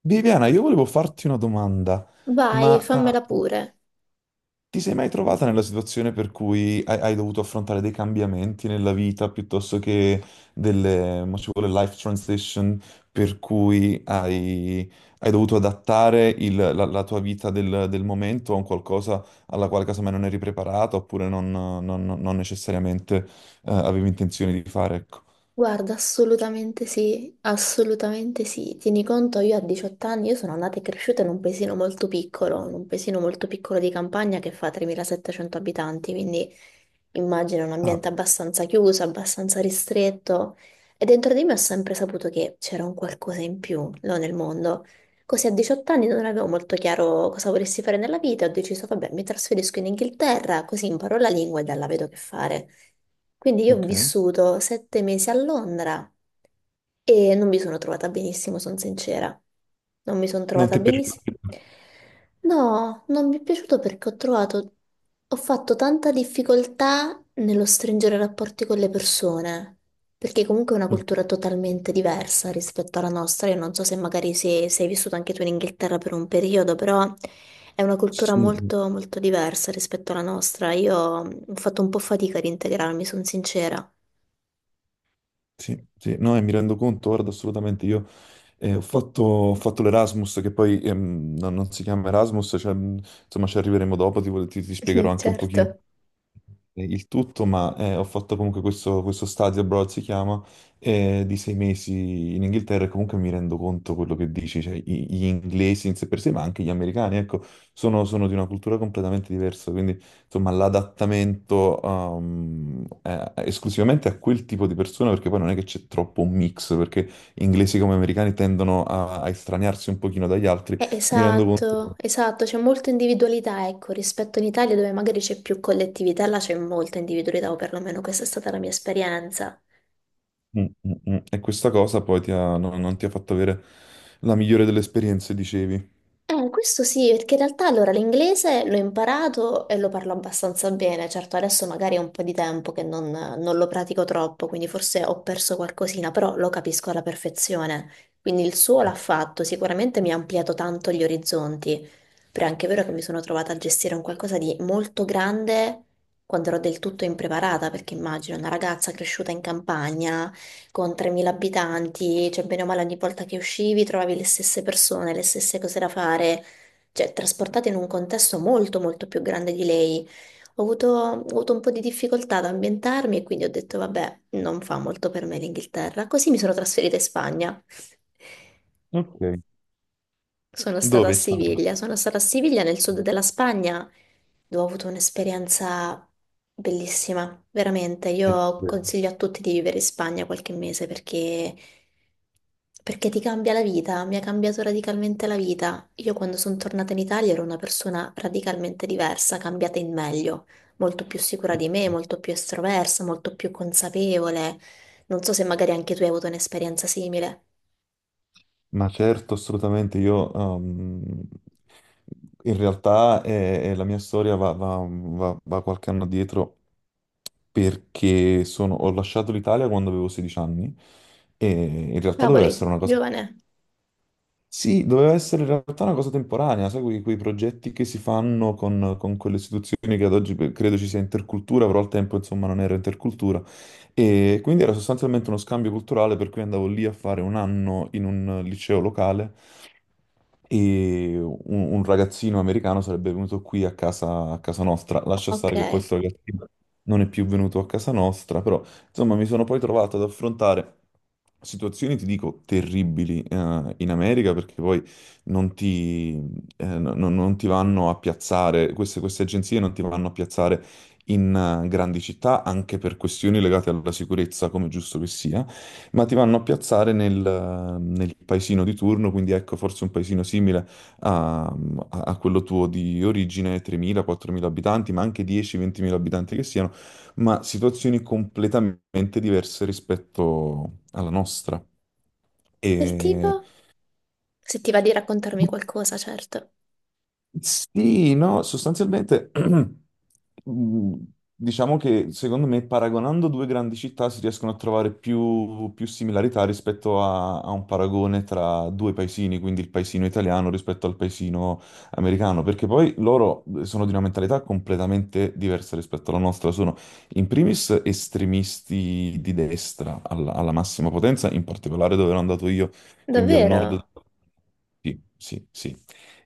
Viviana, io volevo farti una domanda, Vai, ma fammela eh, pure. ti sei mai trovata nella situazione per cui hai, hai dovuto affrontare dei cambiamenti nella vita piuttosto che delle, mo ci vuole life transition, per cui hai, hai dovuto adattare il- la, la tua vita del, del momento a un qualcosa alla quale casomai non eri preparata oppure non, non- non necessariamente avevi intenzione di fare, ecco. Guarda, assolutamente sì, assolutamente sì. Tieni conto, io a 18 anni, io sono nata e cresciuta in un paesino molto piccolo, in un paesino molto piccolo di campagna che fa 3.700 abitanti, quindi immagino un Ah, ambiente abbastanza chiuso, abbastanza ristretto. E dentro di me ho sempre saputo che c'era un qualcosa in più, no, nel mondo. Così a 18 anni non avevo molto chiaro cosa volessi fare nella vita, ho deciso, vabbè, mi trasferisco in Inghilterra, così imparo la lingua e da là vedo che fare. Quindi io ho ok. vissuto 7 mesi a Londra, e non mi sono trovata benissimo, sono sincera. Non mi sono Non trovata ti è benissimo. piaciuto? No, non mi è piaciuto perché ho trovato, ho fatto tanta difficoltà nello stringere rapporti con le persone, perché comunque è una cultura totalmente diversa rispetto alla nostra. Io non so se magari se, sei vissuto anche tu in Inghilterra per un periodo, però è una cultura Sì. molto, molto diversa rispetto alla nostra. Io ho fatto un po' fatica ad integrarmi, sono sincera. Sì, sì, no, e mi rendo conto, guarda, assolutamente, io ho fatto l'Erasmus, che poi non, non si chiama Erasmus, cioè, insomma ci arriveremo dopo, ti- ti spiegherò anche un pochino Certo. Il tutto, ho fatto comunque questo, questo stadio abroad, si chiama, di 6 mesi in Inghilterra e comunque mi rendo conto quello che dici, cioè i- gli inglesi in sé per sé, ma anche gli americani, ecco, sono, sono di una cultura completamente diversa, quindi insomma l'adattamento esclusivamente a quel tipo di persona, perché poi non è che c'è troppo un mix, perché inglesi come americani tendono a, a estraniarsi un pochino dagli altri, mi rendo Esatto, conto. esatto, c'è molta individualità, ecco, rispetto in Italia dove magari c'è più collettività, là c'è molta individualità, o perlomeno questa è stata la mia esperienza. Mm, mm, mm. E questa cosa poi ti ha- no- non ti ha fatto avere la migliore delle esperienze, dicevi. Questo sì, perché in realtà allora l'inglese l'ho imparato e lo parlo abbastanza bene, certo adesso magari è un po' di tempo che non lo pratico troppo, quindi forse ho perso qualcosina, però lo capisco alla perfezione, quindi il suo l'ha fatto, sicuramente mi ha ampliato tanto gli orizzonti, però è anche vero che mi sono trovata a gestire un qualcosa di molto grande quando ero del tutto impreparata, perché immagino una ragazza cresciuta in campagna con 3.000 abitanti, cioè bene o male ogni volta che uscivi trovavi le stesse persone, le stesse cose da fare, cioè trasportata in un contesto molto molto più grande di lei. Ho avuto un po' di difficoltà ad ambientarmi e quindi ho detto vabbè, non fa molto per me l'Inghilterra, così mi sono trasferita in Spagna. Ok. Sono stata Dove a in Spagna? Siviglia, sono stata a Siviglia nel sud della Spagna dove ho avuto un'esperienza bellissima, veramente. Eh, Io consiglio a tutti di vivere in Spagna qualche mese perché, perché ti cambia la vita, mi ha cambiato radicalmente la vita. Io quando sono tornata in Italia ero una persona radicalmente diversa, cambiata in meglio, molto più sicura di me, molto più estroversa, molto più consapevole. Non so se magari anche tu hai avuto un'esperienza simile. Ma certo, assolutamente. Io, in realtà, la mia storia va, va- va- va qualche anno dietro perché sono- ho lasciato l'Italia quando avevo 16 anni e in realtà doveva Cavoli, essere una cosa. giovane, Sì, doveva essere in realtà una cosa temporanea, sai, quei, quei progetti che si fanno con quelle istituzioni che ad oggi pe- credo ci sia intercultura, però al tempo insomma non era intercultura. E quindi era sostanzialmente uno scambio culturale per cui andavo lì a fare un anno in un liceo locale e un ragazzino americano sarebbe venuto qui a casa nostra. Lascia stare che poi ok. questo ragazzino non è più venuto a casa nostra, però insomma mi sono poi trovato ad affrontare situazioni, ti dico, terribili in America perché poi non ti, no- no- non ti vanno a piazzare, queste, queste agenzie non ti vanno a piazzare in grandi città anche per questioni legate alla sicurezza, come giusto che sia, ma ti vanno a piazzare nel, nel paesino di turno, quindi ecco forse un paesino simile a, a- a quello tuo di origine, 3.000-4.000 abitanti, ma anche 10-20.000 abitanti che siano, ma situazioni completamente diverse rispetto alla nostra. Del E tipo? Se ti va di raccontarmi qualcosa, certo. sì, no, sostanzialmente mm, diciamo che secondo me paragonando due grandi città si riescono a trovare più, più similarità rispetto a, a un paragone tra due paesini, quindi il paesino italiano rispetto al paesino americano, perché poi loro sono di una mentalità completamente diversa rispetto alla nostra, sono in primis estremisti di destra alla, alla massima potenza, in particolare dove ero andato io, quindi al nord. Davvero? Sì, sì, sì.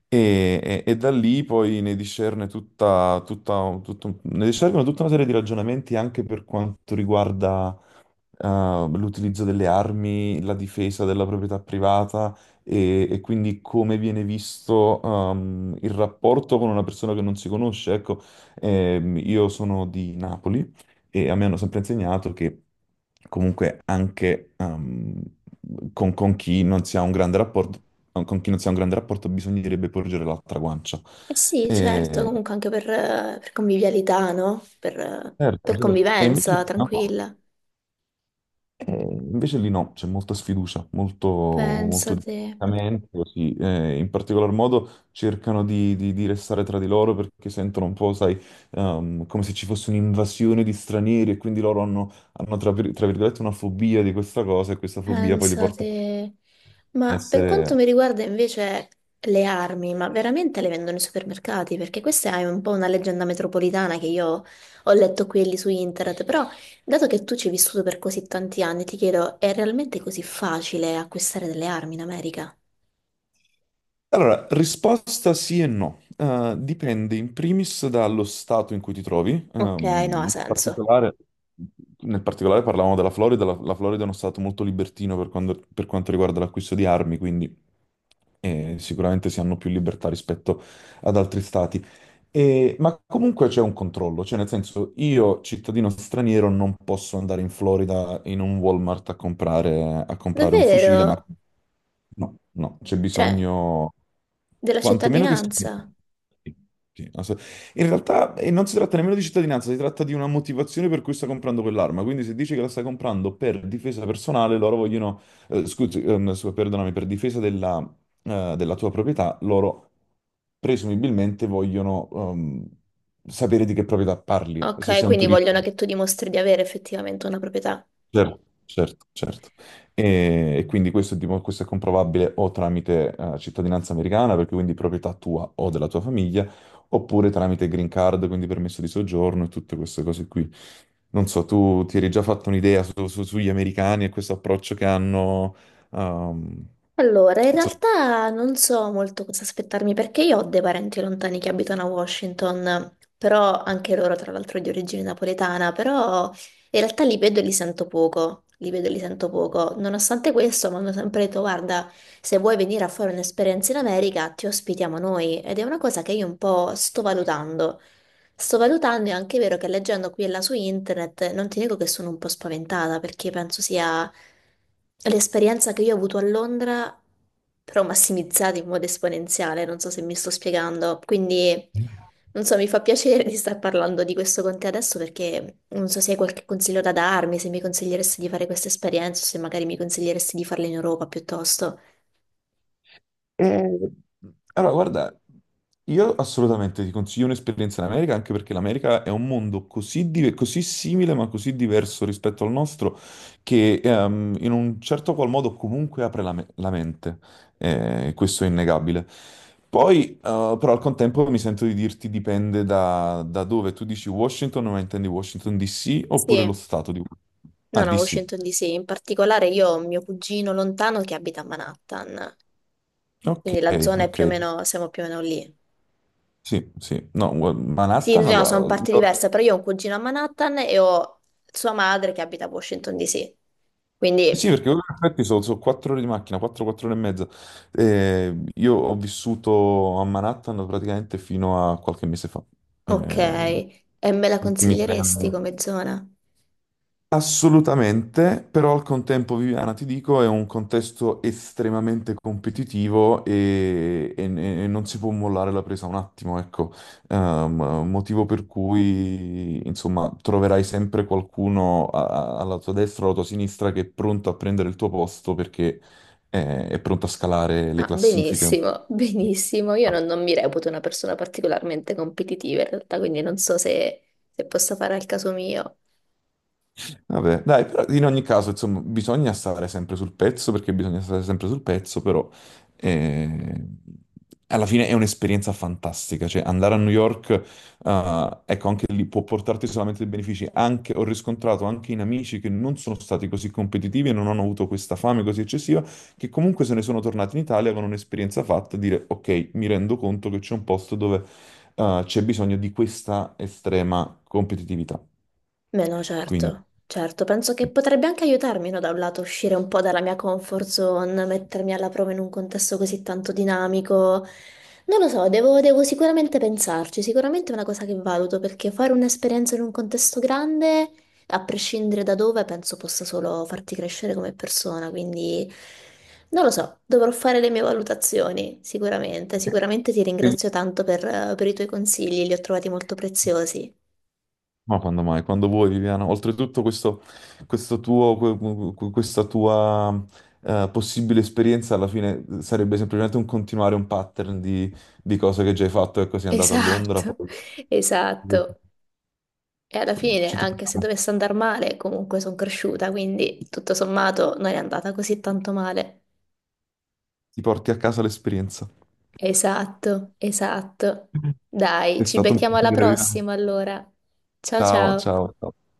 E da lì poi ne discerne tutta, tutta, tutto- ne discernono tutta una serie di ragionamenti anche per quanto riguarda eh, l'utilizzo delle armi, la difesa della proprietà privata e quindi come viene visto il rapporto con una persona che non si conosce. Ecco, io sono di Napoli e a me hanno sempre insegnato che comunque anche con chi non si ha un grande rapporto, con chi non si ha un grande rapporto bisognerebbe porgere l'altra guancia. Eh sì, certo, E, comunque anche per convivialità, no? Certo, Per certo. E invece convivenza, lì no, tranquilla. C'è molta sfiducia, molto, molto Pensate, distaccamento, sì. In particolar modo cercano di restare tra di loro perché sentono un po', sai, come se ci fosse un'invasione di stranieri e quindi loro hanno, hanno tra, vir- tra virgolette una fobia di questa cosa e questa fobia poi li porta pensate. a Ma per essere. quanto mi riguarda invece le armi, ma veramente le vendono ai supermercati? Perché questa è un po' una leggenda metropolitana che io ho letto qui e lì su internet, però dato che tu ci hai vissuto per così tanti anni, ti chiedo, è realmente così facile acquistare delle armi in America? Allora, risposta sì e no. Dipende in primis dallo stato in cui ti trovi. Ok, no, ha Nel senso. particolare, nel particolare parlavamo della Florida. La, la Florida è uno stato molto libertino per, quando- per quanto riguarda l'acquisto di armi, quindi sicuramente si hanno più libertà rispetto ad altri stati. E- ma comunque c'è un controllo, cioè nel senso io, cittadino straniero, non posso andare in Florida in un Walmart a comprare un fucile, ma Davvero? no, no, c'è Cioè, bisogno, della quantomeno che sia... cittadinanza? Sì, sì, ass- in realtà non si tratta nemmeno di cittadinanza, si tratta di una motivazione per cui sta comprando quell'arma, quindi se dici che la sta comprando per difesa personale, loro vogliono, scusi, scusa, perdonami, per difesa della, della tua proprietà, loro presumibilmente vogliono sapere di che proprietà parli, se Ok, sei un quindi turista. vogliono che tu dimostri di avere effettivamente una proprietà. Certo, certo, certo. E quindi questo è, dimo- questo è comprovabile o tramite cittadinanza americana, perché quindi proprietà tua o della tua famiglia, oppure tramite green card, quindi permesso di soggiorno e tutte queste cose qui. Non so, tu ti eri già fatto un'idea su- su- sugli americani e questo approccio che hanno, ehm, Allora, in insomma. realtà non so molto cosa aspettarmi perché io ho dei parenti lontani che abitano a Washington, però anche loro tra l'altro di origine napoletana, però in realtà li vedo e li sento poco, li vedo e li sento poco. Nonostante questo mi hanno sempre detto, guarda, se vuoi venire a fare un'esperienza in America ti ospitiamo noi ed è una cosa che io un po' sto valutando. Sto valutando, è anche vero che leggendo qui e là su internet, non ti dico che sono un po' spaventata perché penso sia l'esperienza che io ho avuto a Londra, però massimizzata in modo esponenziale, non so se mi sto spiegando. Quindi, non so, mi fa piacere di star parlando di questo con te adesso perché non so se hai qualche consiglio da darmi, se mi consiglieresti di fare questa esperienza o se magari mi consiglieresti di farla in Europa piuttosto. Eh, allora, guarda, io assolutamente ti consiglio un'esperienza in America, anche perché l'America è un mondo così, di- così simile, ma così diverso rispetto al nostro, che in un certo qual modo comunque apre la, me- la mente. Questo è innegabile. Poi, però, al contempo mi sento di dirti dipende da, da dove. Tu dici Washington, ma intendi Washington DC oppure lo Sì, stato di Washington? Ah, no, no, DC. Washington DC, in particolare io ho un mio cugino lontano che abita a Manhattan. Ok, Quindi la zona è ok. più o meno, siamo più o meno lì. Sì, sì. No, Sì, no, Manhattan, no, allora... sono parti io- diverse, però io ho un cugino a Manhattan e ho sua madre che abita a Washington DC. sì, Quindi, perché in effetti sono, sono 4 ore di macchina, 4-4 ore e mezza. Io ho vissuto a Manhattan praticamente fino a qualche mese fa. ok, Eh, e me la gli ultimi tre consiglieresti anni. come zona? Assolutamente, però al contempo, Viviana, ti dico, è un contesto estremamente competitivo e non si può mollare la presa un attimo, ecco. Motivo per cui, insomma, troverai sempre qualcuno a- a- alla tua destra o alla tua sinistra che è pronto a prendere il tuo posto perché è pronto a scalare le Ah, classifiche. benissimo, benissimo. Io non mi reputo una persona particolarmente competitiva in realtà, quindi non so se posso fare al caso mio. Vabbè, dai, però in ogni caso, insomma, bisogna stare sempre sul pezzo perché bisogna stare sempre sul pezzo, però eh, alla fine è un'esperienza fantastica, cioè andare a New York, ecco, anche lì può portarti solamente dei benefici. Anche, ho riscontrato anche in amici che non sono stati così competitivi e non hanno avuto questa fame così eccessiva, che comunque se ne sono tornati in Italia con un'esperienza fatta, e dire, ok, mi rendo conto che c'è un posto dove c'è bisogno di questa estrema competitività. Beh, no, Quindi... certo, certo, penso che potrebbe anche aiutarmi, no, da un lato uscire un po' dalla mia comfort zone, mettermi alla prova in un contesto così tanto dinamico. Non lo so, devo sicuramente pensarci, sicuramente è una cosa che valuto, perché fare un'esperienza in un contesto grande, a prescindere da dove, penso possa solo farti crescere come persona, quindi non lo so, dovrò fare le mie valutazioni, sicuramente, sicuramente ti ringrazio tanto per i tuoi consigli, li ho trovati molto preziosi. Ma quando mai? Quando vuoi, Viviana. Oltretutto, questo tuo, que- que- questa tua possibile esperienza alla fine sarebbe semplicemente un continuare un pattern di cose che già hai fatto. Ecco, sei andato a Londra, Esatto, poi insomma, esatto. E alla fine, ci anche se troviamo. dovesse andare male, comunque sono cresciuta, quindi tutto sommato non è andata così tanto male. Ti porti a casa l'esperienza. Esatto, esatto. Dai, È ci stato un becchiamo alla piacere, Viviana. prossima allora. Ciao Ciao, ciao. ciao, ciao.